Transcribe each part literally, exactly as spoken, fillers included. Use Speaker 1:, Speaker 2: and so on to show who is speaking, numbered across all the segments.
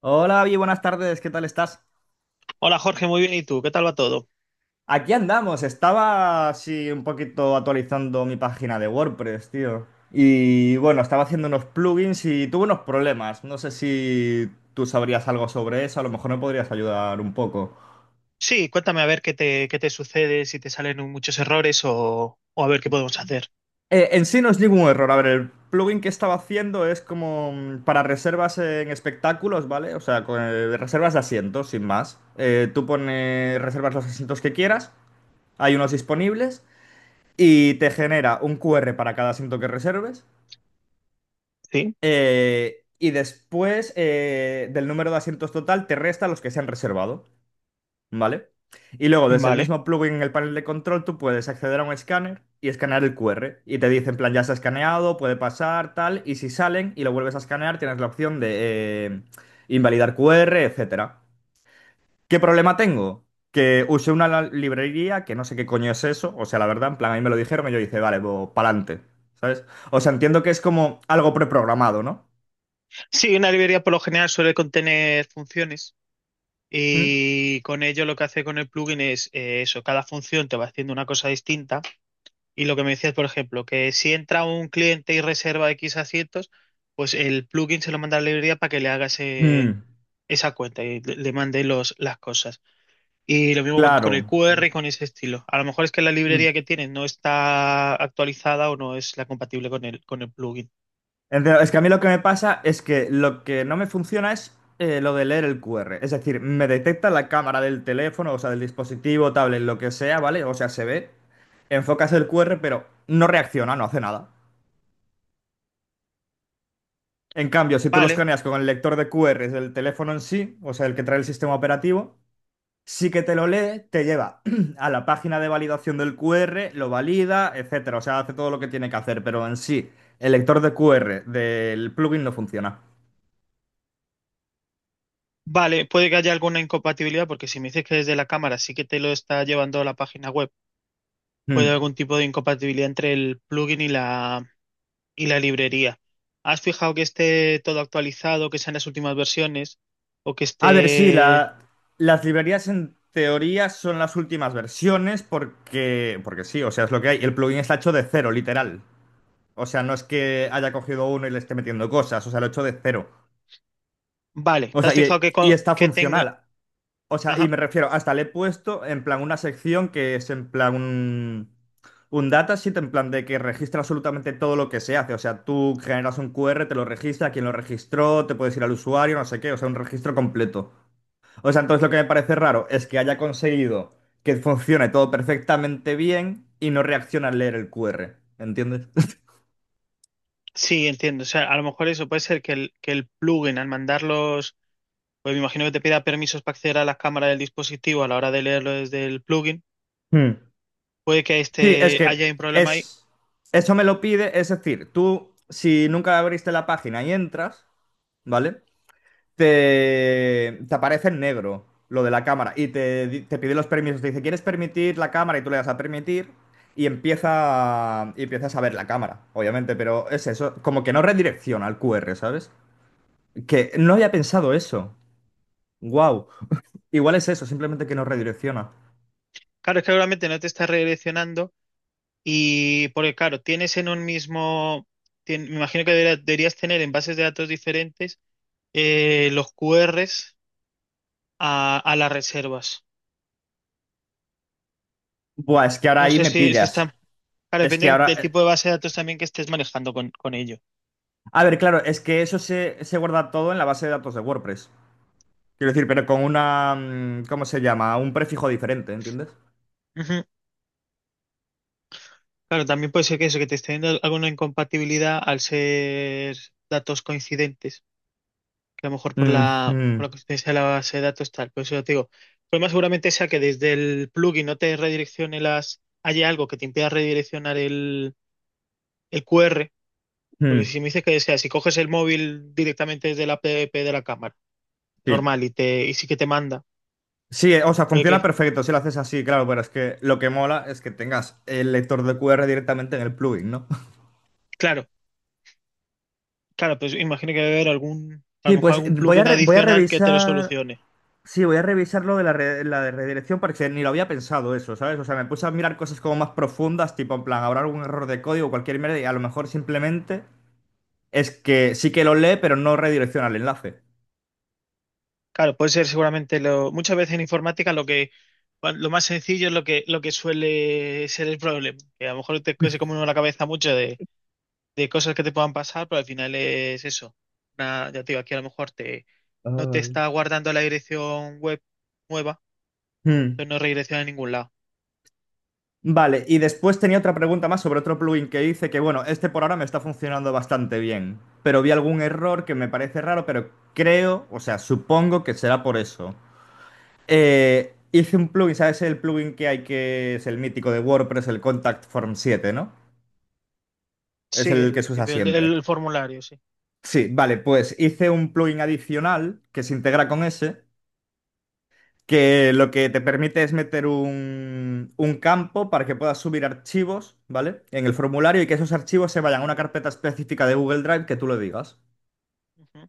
Speaker 1: Hola, Avi, buenas tardes, ¿qué tal estás?
Speaker 2: Hola Jorge, muy bien. ¿Y tú? ¿Qué tal va todo?
Speaker 1: Aquí andamos, estaba así un poquito actualizando mi página de WordPress, tío. Y bueno, estaba haciendo unos plugins y tuve unos problemas. No sé si tú sabrías algo sobre eso, a lo mejor me podrías ayudar un poco.
Speaker 2: Sí, cuéntame a ver qué te, qué te sucede, si te salen muchos errores o, o a ver qué podemos hacer.
Speaker 1: Eh, en sí no es ningún error. A ver, el plugin que estaba haciendo es como mm, para reservas en espectáculos, ¿vale? O sea, con, eh, reservas de asientos, sin más. Eh, tú pones, reservas los asientos que quieras, hay unos disponibles. Y te genera un Q R para cada asiento que reserves.
Speaker 2: Sí,
Speaker 1: eh, y después eh, del número de asientos total te resta los que se han reservado, ¿vale? Y luego desde el
Speaker 2: vale.
Speaker 1: mismo plugin en el panel de control tú puedes acceder a un escáner y escanear el Q R. Y te dice en plan, ya se ha escaneado, puede pasar, tal. Y si salen y lo vuelves a escanear, tienes la opción de eh, invalidar Q R, etcétera. ¿Qué problema tengo? Que usé una la- librería que no sé qué coño es eso. O sea, la verdad, en plan, ahí me lo dijeron y yo dije, vale, pues pa'lante, ¿sabes? O sea, entiendo que es como algo preprogramado, ¿no?
Speaker 2: Sí, una librería por lo general suele contener funciones
Speaker 1: ¿Mm?
Speaker 2: y con ello lo que hace con el plugin es eh, eso, cada función te va haciendo una cosa distinta y lo que me decías, por ejemplo, que si entra un cliente y reserva X asientos, pues el plugin se lo manda a la librería para que le haga ese-
Speaker 1: Mm,
Speaker 2: esa cuenta y le, le mande los, las cosas. Y lo mismo con, con el
Speaker 1: claro.
Speaker 2: Q R y con ese estilo. A lo mejor es que la
Speaker 1: Mm.
Speaker 2: librería que tienen no está actualizada o no es la compatible con el, con el plugin.
Speaker 1: Entiendo. Es que a mí lo que me pasa es que lo que no me funciona es eh, lo de leer el Q R. Es decir, me detecta la cámara del teléfono, o sea, del dispositivo, tablet, lo que sea, ¿vale? O sea, se ve, enfocas el Q R, pero no reacciona, no hace nada. En cambio, si tú lo
Speaker 2: Vale,
Speaker 1: escaneas con el lector de Q R del teléfono en sí, o sea, el que trae el sistema operativo, sí que te lo lee, te lleva a la página de validación del Q R, lo valida, etcétera. O sea, hace todo lo que tiene que hacer, pero en sí, el lector de Q R del plugin no funciona.
Speaker 2: vale, puede que haya alguna incompatibilidad porque si me dices que desde la cámara sí que te lo está llevando a la página web,
Speaker 1: Hmm.
Speaker 2: puede haber algún tipo de incompatibilidad entre el plugin y la, y la librería. ¿Has fijado que esté todo actualizado, que sean las últimas versiones o que
Speaker 1: A ver, sí,
Speaker 2: esté...
Speaker 1: la- las librerías en teoría son las últimas versiones porque, porque sí, o sea, es lo que hay. El plugin está hecho de cero, literal. O sea, no es que haya cogido uno y le esté metiendo cosas, o sea, lo he hecho de cero.
Speaker 2: Vale,
Speaker 1: O
Speaker 2: ¿te
Speaker 1: sea,
Speaker 2: has fijado
Speaker 1: y,
Speaker 2: que,
Speaker 1: y
Speaker 2: co-
Speaker 1: está
Speaker 2: que tenga...
Speaker 1: funcional. O sea, y me refiero, hasta le he puesto en plan una sección que es en plan un, un datasheet, en plan de que registra absolutamente todo lo que se hace. O sea, tú generas un Q R, te lo registra, quién lo registró, te puedes ir al usuario, no sé qué, o sea, un registro completo. O sea, entonces lo que me parece raro es que haya conseguido que funcione todo perfectamente bien y no reacciona al leer el Q R, ¿entiendes?
Speaker 2: Sí, entiendo. O sea, a lo mejor eso puede ser que el, que el plugin al mandarlos, pues me imagino que te pida permisos para acceder a la cámara del dispositivo a la hora de leerlo desde el plugin.
Speaker 1: Hmm.
Speaker 2: Puede que
Speaker 1: Sí, es
Speaker 2: este
Speaker 1: que
Speaker 2: haya un problema ahí.
Speaker 1: es, eso me lo pide, es decir, tú si nunca abriste la página y entras, ¿vale? Te, te aparece en negro lo de la cámara y te, di- te pide los permisos, te dice, ¿quieres permitir la cámara? Y tú le das a permitir y empieza, y empiezas a ver la cámara, obviamente, pero es eso, como que no redirecciona al Q R, ¿sabes? Que no había pensado eso. Wow. Igual es eso, simplemente que no redirecciona.
Speaker 2: Claro, es que obviamente no te está redireccionando y porque claro, tienes en un mismo, tien- me imagino que debería- deberías tener en bases de datos diferentes eh, los Q Rs a, a las reservas.
Speaker 1: Buah, es que ahora
Speaker 2: No
Speaker 1: ahí
Speaker 2: sé
Speaker 1: me
Speaker 2: si, si
Speaker 1: pillas.
Speaker 2: están, claro,
Speaker 1: Es que
Speaker 2: depende
Speaker 1: ahora...
Speaker 2: del
Speaker 1: eh,
Speaker 2: tipo de base de datos también que estés manejando con, con ello.
Speaker 1: a ver, claro, es que eso se, se guarda todo en la base de datos de WordPress. Quiero decir, pero con una, mm, ¿cómo se llama? Un prefijo diferente, ¿entiendes?
Speaker 2: Claro, también puede ser que eso, que te esté dando alguna incompatibilidad al ser datos coincidentes, que a lo mejor por
Speaker 1: Mm,
Speaker 2: la, por
Speaker 1: mm,
Speaker 2: la coincidencia de la base de datos tal. Por eso ya te digo, el problema seguramente sea que desde el plugin no te redireccione las, haya algo que te impida redireccionar el, el Q R, porque
Speaker 1: mm,
Speaker 2: si me dices que, o sea, si coges el móvil directamente desde la app de la cámara,
Speaker 1: sí.
Speaker 2: normal, y te, y sí que te manda,
Speaker 1: Sí, eh, o sea,
Speaker 2: puede
Speaker 1: funciona
Speaker 2: que,
Speaker 1: perfecto si lo haces así, claro, pero es que lo que mola es que tengas el lector de Q R directamente en el plugin, ¿no?
Speaker 2: claro, claro, pues imagino que debe haber algún, a
Speaker 1: Sí,
Speaker 2: lo mejor
Speaker 1: pues
Speaker 2: algún
Speaker 1: voy a,
Speaker 2: plugin
Speaker 1: re- voy a
Speaker 2: adicional que te lo
Speaker 1: revisar.
Speaker 2: solucione.
Speaker 1: Sí, voy a revisar lo de la, re- la de redirección porque ni lo había pensado eso, ¿sabes? O sea, me puse a mirar cosas como más profundas, tipo en plan, habrá algún error de código o cualquier mierda, y a lo mejor simplemente... Es que sí que lo lee, pero no redirecciona el enlace.
Speaker 2: Claro, puede ser seguramente lo, muchas veces en informática lo que lo más sencillo es lo que lo que suele ser el problema. Que a lo mejor te se come uno la cabeza mucho de, de cosas que te puedan pasar, pero al final es eso. Una- ya te digo, aquí a lo mejor te no te
Speaker 1: Ay.
Speaker 2: está guardando la dirección web nueva,
Speaker 1: Hmm.
Speaker 2: entonces no redirecciona a ningún lado.
Speaker 1: Vale, y después tenía otra pregunta más sobre otro plugin que hice que, bueno, este por ahora me está funcionando bastante bien, pero vi algún error que me parece raro, pero creo, o sea, supongo que será por eso. Eh, hice un plugin, ¿sabes el plugin que hay que es el mítico de WordPress, el Contact Form siete, ¿no? Es
Speaker 2: Sí,
Speaker 1: el que
Speaker 2: el,
Speaker 1: se usa
Speaker 2: el,
Speaker 1: siempre.
Speaker 2: el formulario, sí.
Speaker 1: Sí, vale, pues hice un plugin adicional que se integra con ese que lo que te permite es meter un, un campo para que puedas subir archivos, ¿vale? En el formulario y que esos archivos se vayan a una carpeta específica de Google Drive que tú lo digas.
Speaker 2: Ujú. O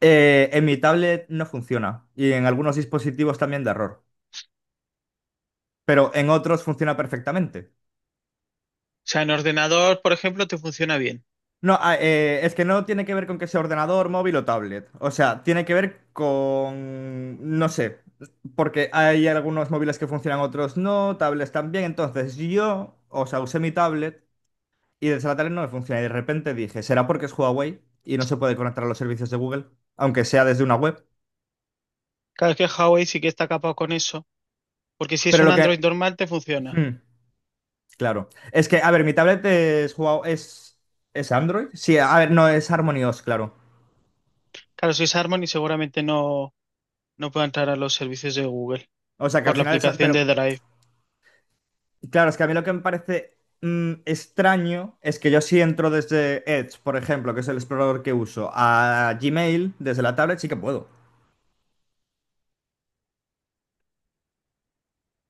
Speaker 1: Eh, en mi tablet no funciona y en algunos dispositivos también da error, pero en otros funciona perfectamente.
Speaker 2: sea, en ordenador, por ejemplo, te funciona bien.
Speaker 1: No, ah, eh, es que no tiene que ver con que sea ordenador, móvil o tablet. O sea, tiene que ver con, no sé, porque hay algunos móviles que funcionan, otros no, tablets también. Entonces yo, o sea, usé mi tablet. Y el Sabatari no me funciona. Y de repente dije, ¿será porque es Huawei y no se puede conectar a los servicios de Google? Aunque sea desde una web.
Speaker 2: Claro, es que Huawei sí que está capado con eso, porque si es
Speaker 1: Pero
Speaker 2: un
Speaker 1: lo que...
Speaker 2: Android normal, te funciona.
Speaker 1: hmm, claro. Es que, a ver, mi tablet es Huawei... ¿Es, es Android? Sí, a ver, no, es Harmony O S, claro.
Speaker 2: Claro, si es Harmony, seguramente no. No puedo entrar a los servicios de Google
Speaker 1: O sea, que
Speaker 2: por
Speaker 1: al
Speaker 2: la
Speaker 1: final es...
Speaker 2: aplicación
Speaker 1: Pero,
Speaker 2: de Drive.
Speaker 1: claro, es que a mí lo que me parece mm, extraño es que yo si entro desde Edge, por ejemplo, que es el explorador que uso, a Gmail, desde la tablet sí que puedo.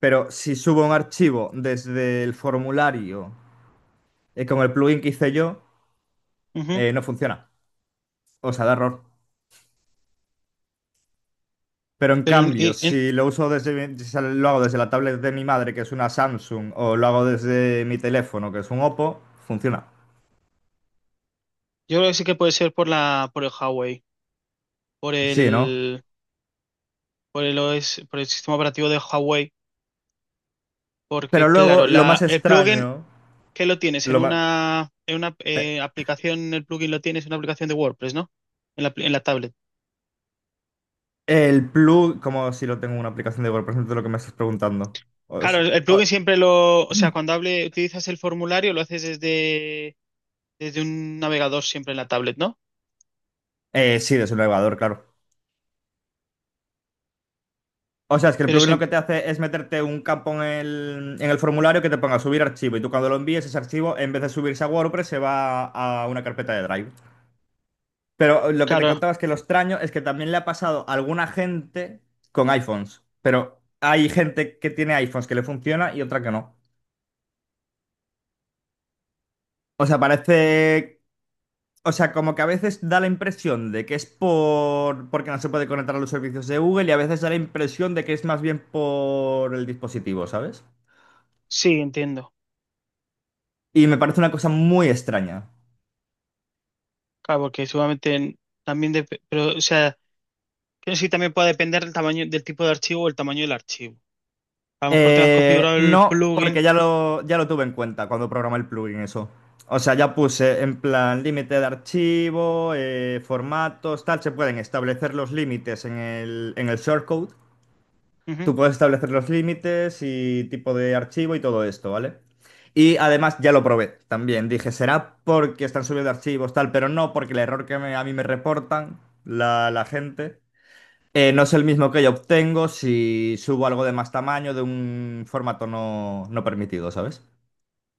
Speaker 1: Pero si subo un archivo desde el formulario, eh, con el plugin que hice yo...
Speaker 2: Ujú.
Speaker 1: eh, no funciona. O sea, da error. Pero en
Speaker 2: Pero en-
Speaker 1: cambio,
Speaker 2: y- en-
Speaker 1: si lo uso desde si lo hago desde la tablet de mi madre, que es una Samsung, o lo hago desde mi teléfono, que es un Oppo, funciona.
Speaker 2: yo creo que sí que puede ser por la, por el Huawei, por
Speaker 1: Sí, ¿no?
Speaker 2: el, por el O S, por el sistema operativo de Huawei,
Speaker 1: Pero
Speaker 2: porque
Speaker 1: luego,
Speaker 2: claro,
Speaker 1: lo más
Speaker 2: la, el plugin
Speaker 1: extraño,
Speaker 2: que lo tienes en
Speaker 1: lo ma-
Speaker 2: una, en una eh, aplicación, el plugin lo tienes en una aplicación de WordPress, ¿no? En la, pl- en la tablet.
Speaker 1: el plug, como si lo tengo en una aplicación de Google, de lo que me estás preguntando. O
Speaker 2: Claro,
Speaker 1: s-
Speaker 2: el, el plugin
Speaker 1: o-
Speaker 2: siempre lo, o sea, cuando hable, utilizas el formulario, lo haces desde, desde un navegador siempre en la tablet, ¿no?
Speaker 1: eh, sí, desde un navegador, claro. O sea, es que el
Speaker 2: Pero
Speaker 1: plugin
Speaker 2: eso,
Speaker 1: lo que te hace es meterte un campo en el, en el formulario que te ponga subir archivo y tú cuando lo envíes ese archivo, en vez de subirse a WordPress, se va a una carpeta de Drive. Pero lo que te
Speaker 2: claro,
Speaker 1: contaba es que lo extraño es que también le ha pasado a alguna gente con iPhones. Pero hay gente que tiene iPhones que le funciona y otra que no. O sea, parece. O sea, como que a veces da la impresión de que es por... porque no se puede conectar a los servicios de Google y a veces da la impresión de que es más bien por el dispositivo, ¿sabes?
Speaker 2: sí, entiendo.
Speaker 1: Y me parece una cosa muy extraña.
Speaker 2: Claro, porque seguramente también dep- pero, o sea, creo que sí también puede depender del tamaño, del tipo de archivo o el tamaño del archivo. A lo mejor tengas
Speaker 1: Eh,
Speaker 2: configurado el
Speaker 1: no,
Speaker 2: plugin.
Speaker 1: porque ya lo, ya lo tuve en cuenta cuando programé el plugin eso. O sea, ya puse en plan límite de archivo, eh, formatos, tal. Se pueden establecer los límites en el, en el shortcode.
Speaker 2: Ujú.
Speaker 1: Tú puedes establecer los límites y tipo de archivo y todo esto, ¿vale? Y además ya lo probé también. Dije, será porque están subiendo archivos, tal, pero no porque el error que me- a mí me reportan la, la gente eh, no es el mismo que yo obtengo si subo algo de más tamaño de un formato no, no permitido, ¿sabes?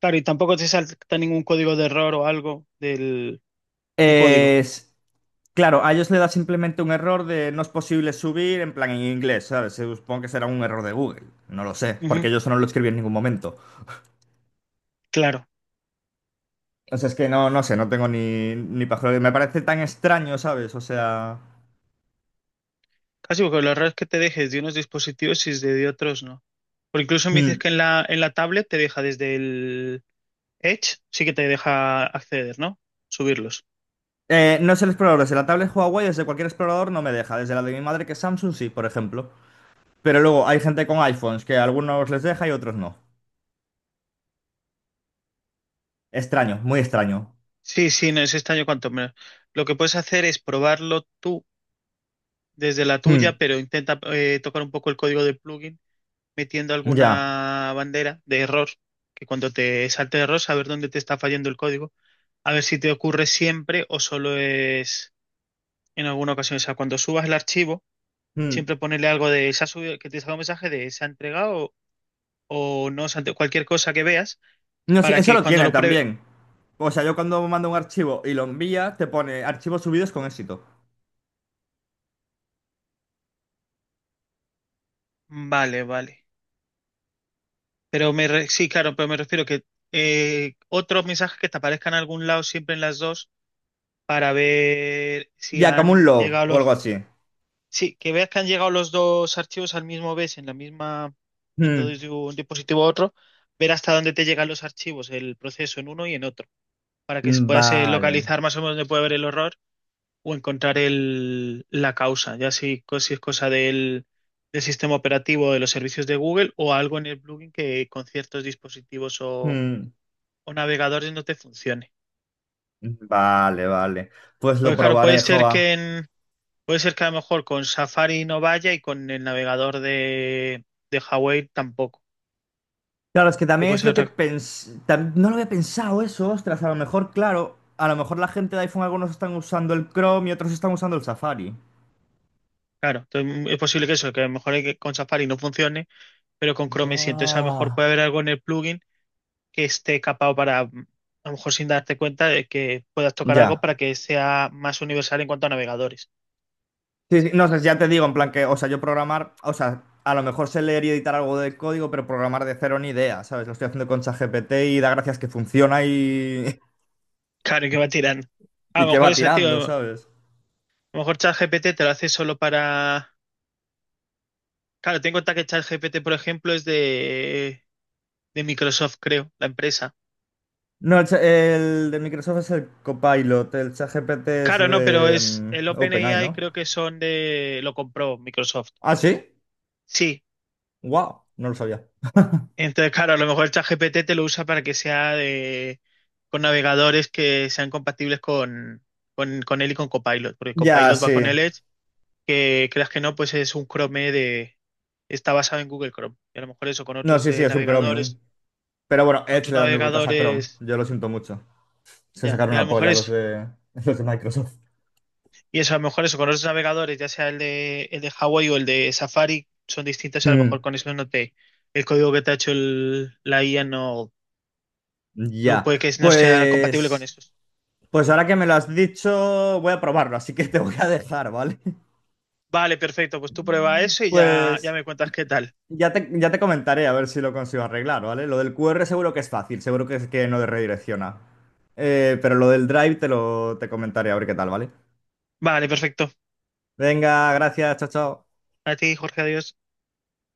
Speaker 2: Claro, y tampoco te salta ningún código de error o algo del, de código.
Speaker 1: Es- claro, a ellos le da simplemente un error de no es posible subir en plan en inglés, ¿sabes? Supongo que será un error de Google, no lo sé, porque
Speaker 2: Ujú.
Speaker 1: yo eso no lo escribí en ningún momento.
Speaker 2: Claro.
Speaker 1: O sea, es que no, no sé, no tengo ni, ni pajolera. Me parece tan extraño, ¿sabes? O sea...
Speaker 2: Casi porque los errores que te dejes de unos dispositivos y de de otros no. Porque incluso me dices
Speaker 1: hmm.
Speaker 2: que en la, en la tablet te deja desde el Edge, sí que te deja acceder, ¿no? Subirlos.
Speaker 1: Eh, no es el explorador, desde la tablet Huawei, desde cualquier explorador no me deja, desde la de mi madre que es Samsung sí, por ejemplo. Pero luego hay gente con iPhones que a algunos les deja y otros no. Extraño, muy extraño.
Speaker 2: Sí, sí, no es extraño cuanto menos. Lo que puedes hacer es probarlo tú desde la tuya,
Speaker 1: Mm,
Speaker 2: pero intenta eh, tocar un poco el código del plugin metiendo
Speaker 1: ya.
Speaker 2: alguna bandera de error, que cuando te salte de error, saber dónde te está fallando el código, a ver si te ocurre siempre o solo es en alguna ocasión. O sea, cuando subas el archivo,
Speaker 1: Mm.
Speaker 2: siempre ponerle algo de se ha subido, que te salga un mensaje de se ha entregado o, o no, se ha entre- cualquier cosa que veas,
Speaker 1: No, sí,
Speaker 2: para
Speaker 1: eso
Speaker 2: que
Speaker 1: lo
Speaker 2: cuando
Speaker 1: tiene
Speaker 2: lo pruebe.
Speaker 1: también. O sea, yo cuando mando un archivo y lo envía, te pone archivos subidos con éxito.
Speaker 2: Vale, vale. Pero me re- sí, claro, pero me refiero que eh, otros mensajes que te aparezcan en algún lado siempre en las dos para ver si
Speaker 1: Ya, como un
Speaker 2: han
Speaker 1: log
Speaker 2: llegado
Speaker 1: o algo
Speaker 2: los...
Speaker 1: así.
Speaker 2: Sí, que veas que han llegado los dos archivos al mismo vez, en la misma, yendo
Speaker 1: Mm,
Speaker 2: desde un dispositivo a otro, ver hasta dónde te llegan los archivos, el proceso en uno y en otro, para que puedas eh,
Speaker 1: vale.
Speaker 2: localizar más o menos dónde puede haber el error o encontrar el, la causa, ya si, co- si es cosa del, del sistema operativo de los servicios de Google o algo en el plugin que con ciertos dispositivos o,
Speaker 1: Mm.
Speaker 2: o navegadores no te funcione.
Speaker 1: Vale, vale. Pues lo
Speaker 2: Pues claro, puede
Speaker 1: probaré,
Speaker 2: ser
Speaker 1: Jova.
Speaker 2: que en, puede ser que a lo mejor con Safari no vaya y con el navegador de, de Huawei tampoco.
Speaker 1: Claro, es que
Speaker 2: Que
Speaker 1: también
Speaker 2: puede
Speaker 1: es
Speaker 2: ser
Speaker 1: lo que
Speaker 2: otra.
Speaker 1: pens... tam- no lo había pensado eso, ostras. A lo mejor, claro, a lo mejor la gente de iPhone, algunos están usando el Chrome y otros están usando el Safari.
Speaker 2: Claro, entonces, mm, es posible que eso, que a lo mejor hay que- con Safari no funcione, pero con Chrome sí. Entonces a lo mejor
Speaker 1: Buah.
Speaker 2: puede haber algo en el plugin que esté capado para, mm, a lo mejor sin darte cuenta de que puedas tocar algo
Speaker 1: Ya.
Speaker 2: para que sea más universal en cuanto a navegadores.
Speaker 1: Sí, sí, no, o sea, ya te digo, en plan que, o sea, yo programar, o sea, a lo mejor sé leer y editar algo de código, pero programar de cero ni idea, ¿sabes? Lo estoy haciendo con ChatGPT y da gracias que funciona y,
Speaker 2: Claro, y que va tirando. A
Speaker 1: y
Speaker 2: lo
Speaker 1: que
Speaker 2: mejor
Speaker 1: va
Speaker 2: eso,
Speaker 1: tirando,
Speaker 2: tío. A
Speaker 1: ¿sabes?
Speaker 2: lo mejor ChatGPT te lo hace solo para. Claro, tengo en cuenta que ChatGPT, por ejemplo, es de, de Microsoft, creo, la empresa.
Speaker 1: No, el, cha- el de Microsoft es el Copilot, el ChatGPT es
Speaker 2: Claro, no, pero
Speaker 1: de
Speaker 2: es el
Speaker 1: mm, OpenAI,
Speaker 2: OpenAI
Speaker 1: ¿no?
Speaker 2: creo que son de lo compró Microsoft.
Speaker 1: Ah, sí,
Speaker 2: Sí.
Speaker 1: wow, no lo sabía.
Speaker 2: Entonces, claro, a lo mejor ChatGPT te lo usa para que sea de con navegadores que sean compatibles con, con, con él y con Copilot, porque
Speaker 1: Ya,
Speaker 2: Copilot va
Speaker 1: sí.
Speaker 2: con el Edge, que creas que no, pues es un Chrome de está basado en Google Chrome. Y a lo mejor eso con
Speaker 1: No,
Speaker 2: otros
Speaker 1: sí, sí,
Speaker 2: de
Speaker 1: es un Chromium.
Speaker 2: navegadores,
Speaker 1: Pero bueno, Edge
Speaker 2: otros
Speaker 1: le da mil vueltas a Chrome,
Speaker 2: navegadores,
Speaker 1: yo lo siento mucho. Se
Speaker 2: ya.
Speaker 1: sacaron
Speaker 2: Y a lo
Speaker 1: la
Speaker 2: mejor
Speaker 1: polla los
Speaker 2: es
Speaker 1: de, los de Microsoft.
Speaker 2: y eso, a lo mejor eso, con otros navegadores, ya sea el de, el de Huawei o el de Safari, son distintos, a lo
Speaker 1: Mm.
Speaker 2: mejor con eso no te, el código que te ha hecho el- la I A no, no
Speaker 1: Ya,
Speaker 2: puede que no sea compatible con
Speaker 1: pues,
Speaker 2: esos.
Speaker 1: pues ahora que me lo has dicho, voy a probarlo, así que te voy a dejar, ¿vale?
Speaker 2: Vale, perfecto, pues tú prueba eso y ya, ya
Speaker 1: Pues
Speaker 2: me cuentas qué tal.
Speaker 1: ya te, ya te comentaré a ver si lo consigo arreglar, ¿vale? Lo del Q R seguro que es fácil, seguro que, que no redirecciona. Eh, pero lo del Drive te lo te comentaré a ver qué tal, ¿vale?
Speaker 2: Vale, perfecto.
Speaker 1: Venga, gracias, chao, chao.
Speaker 2: A ti, Jorge, adiós.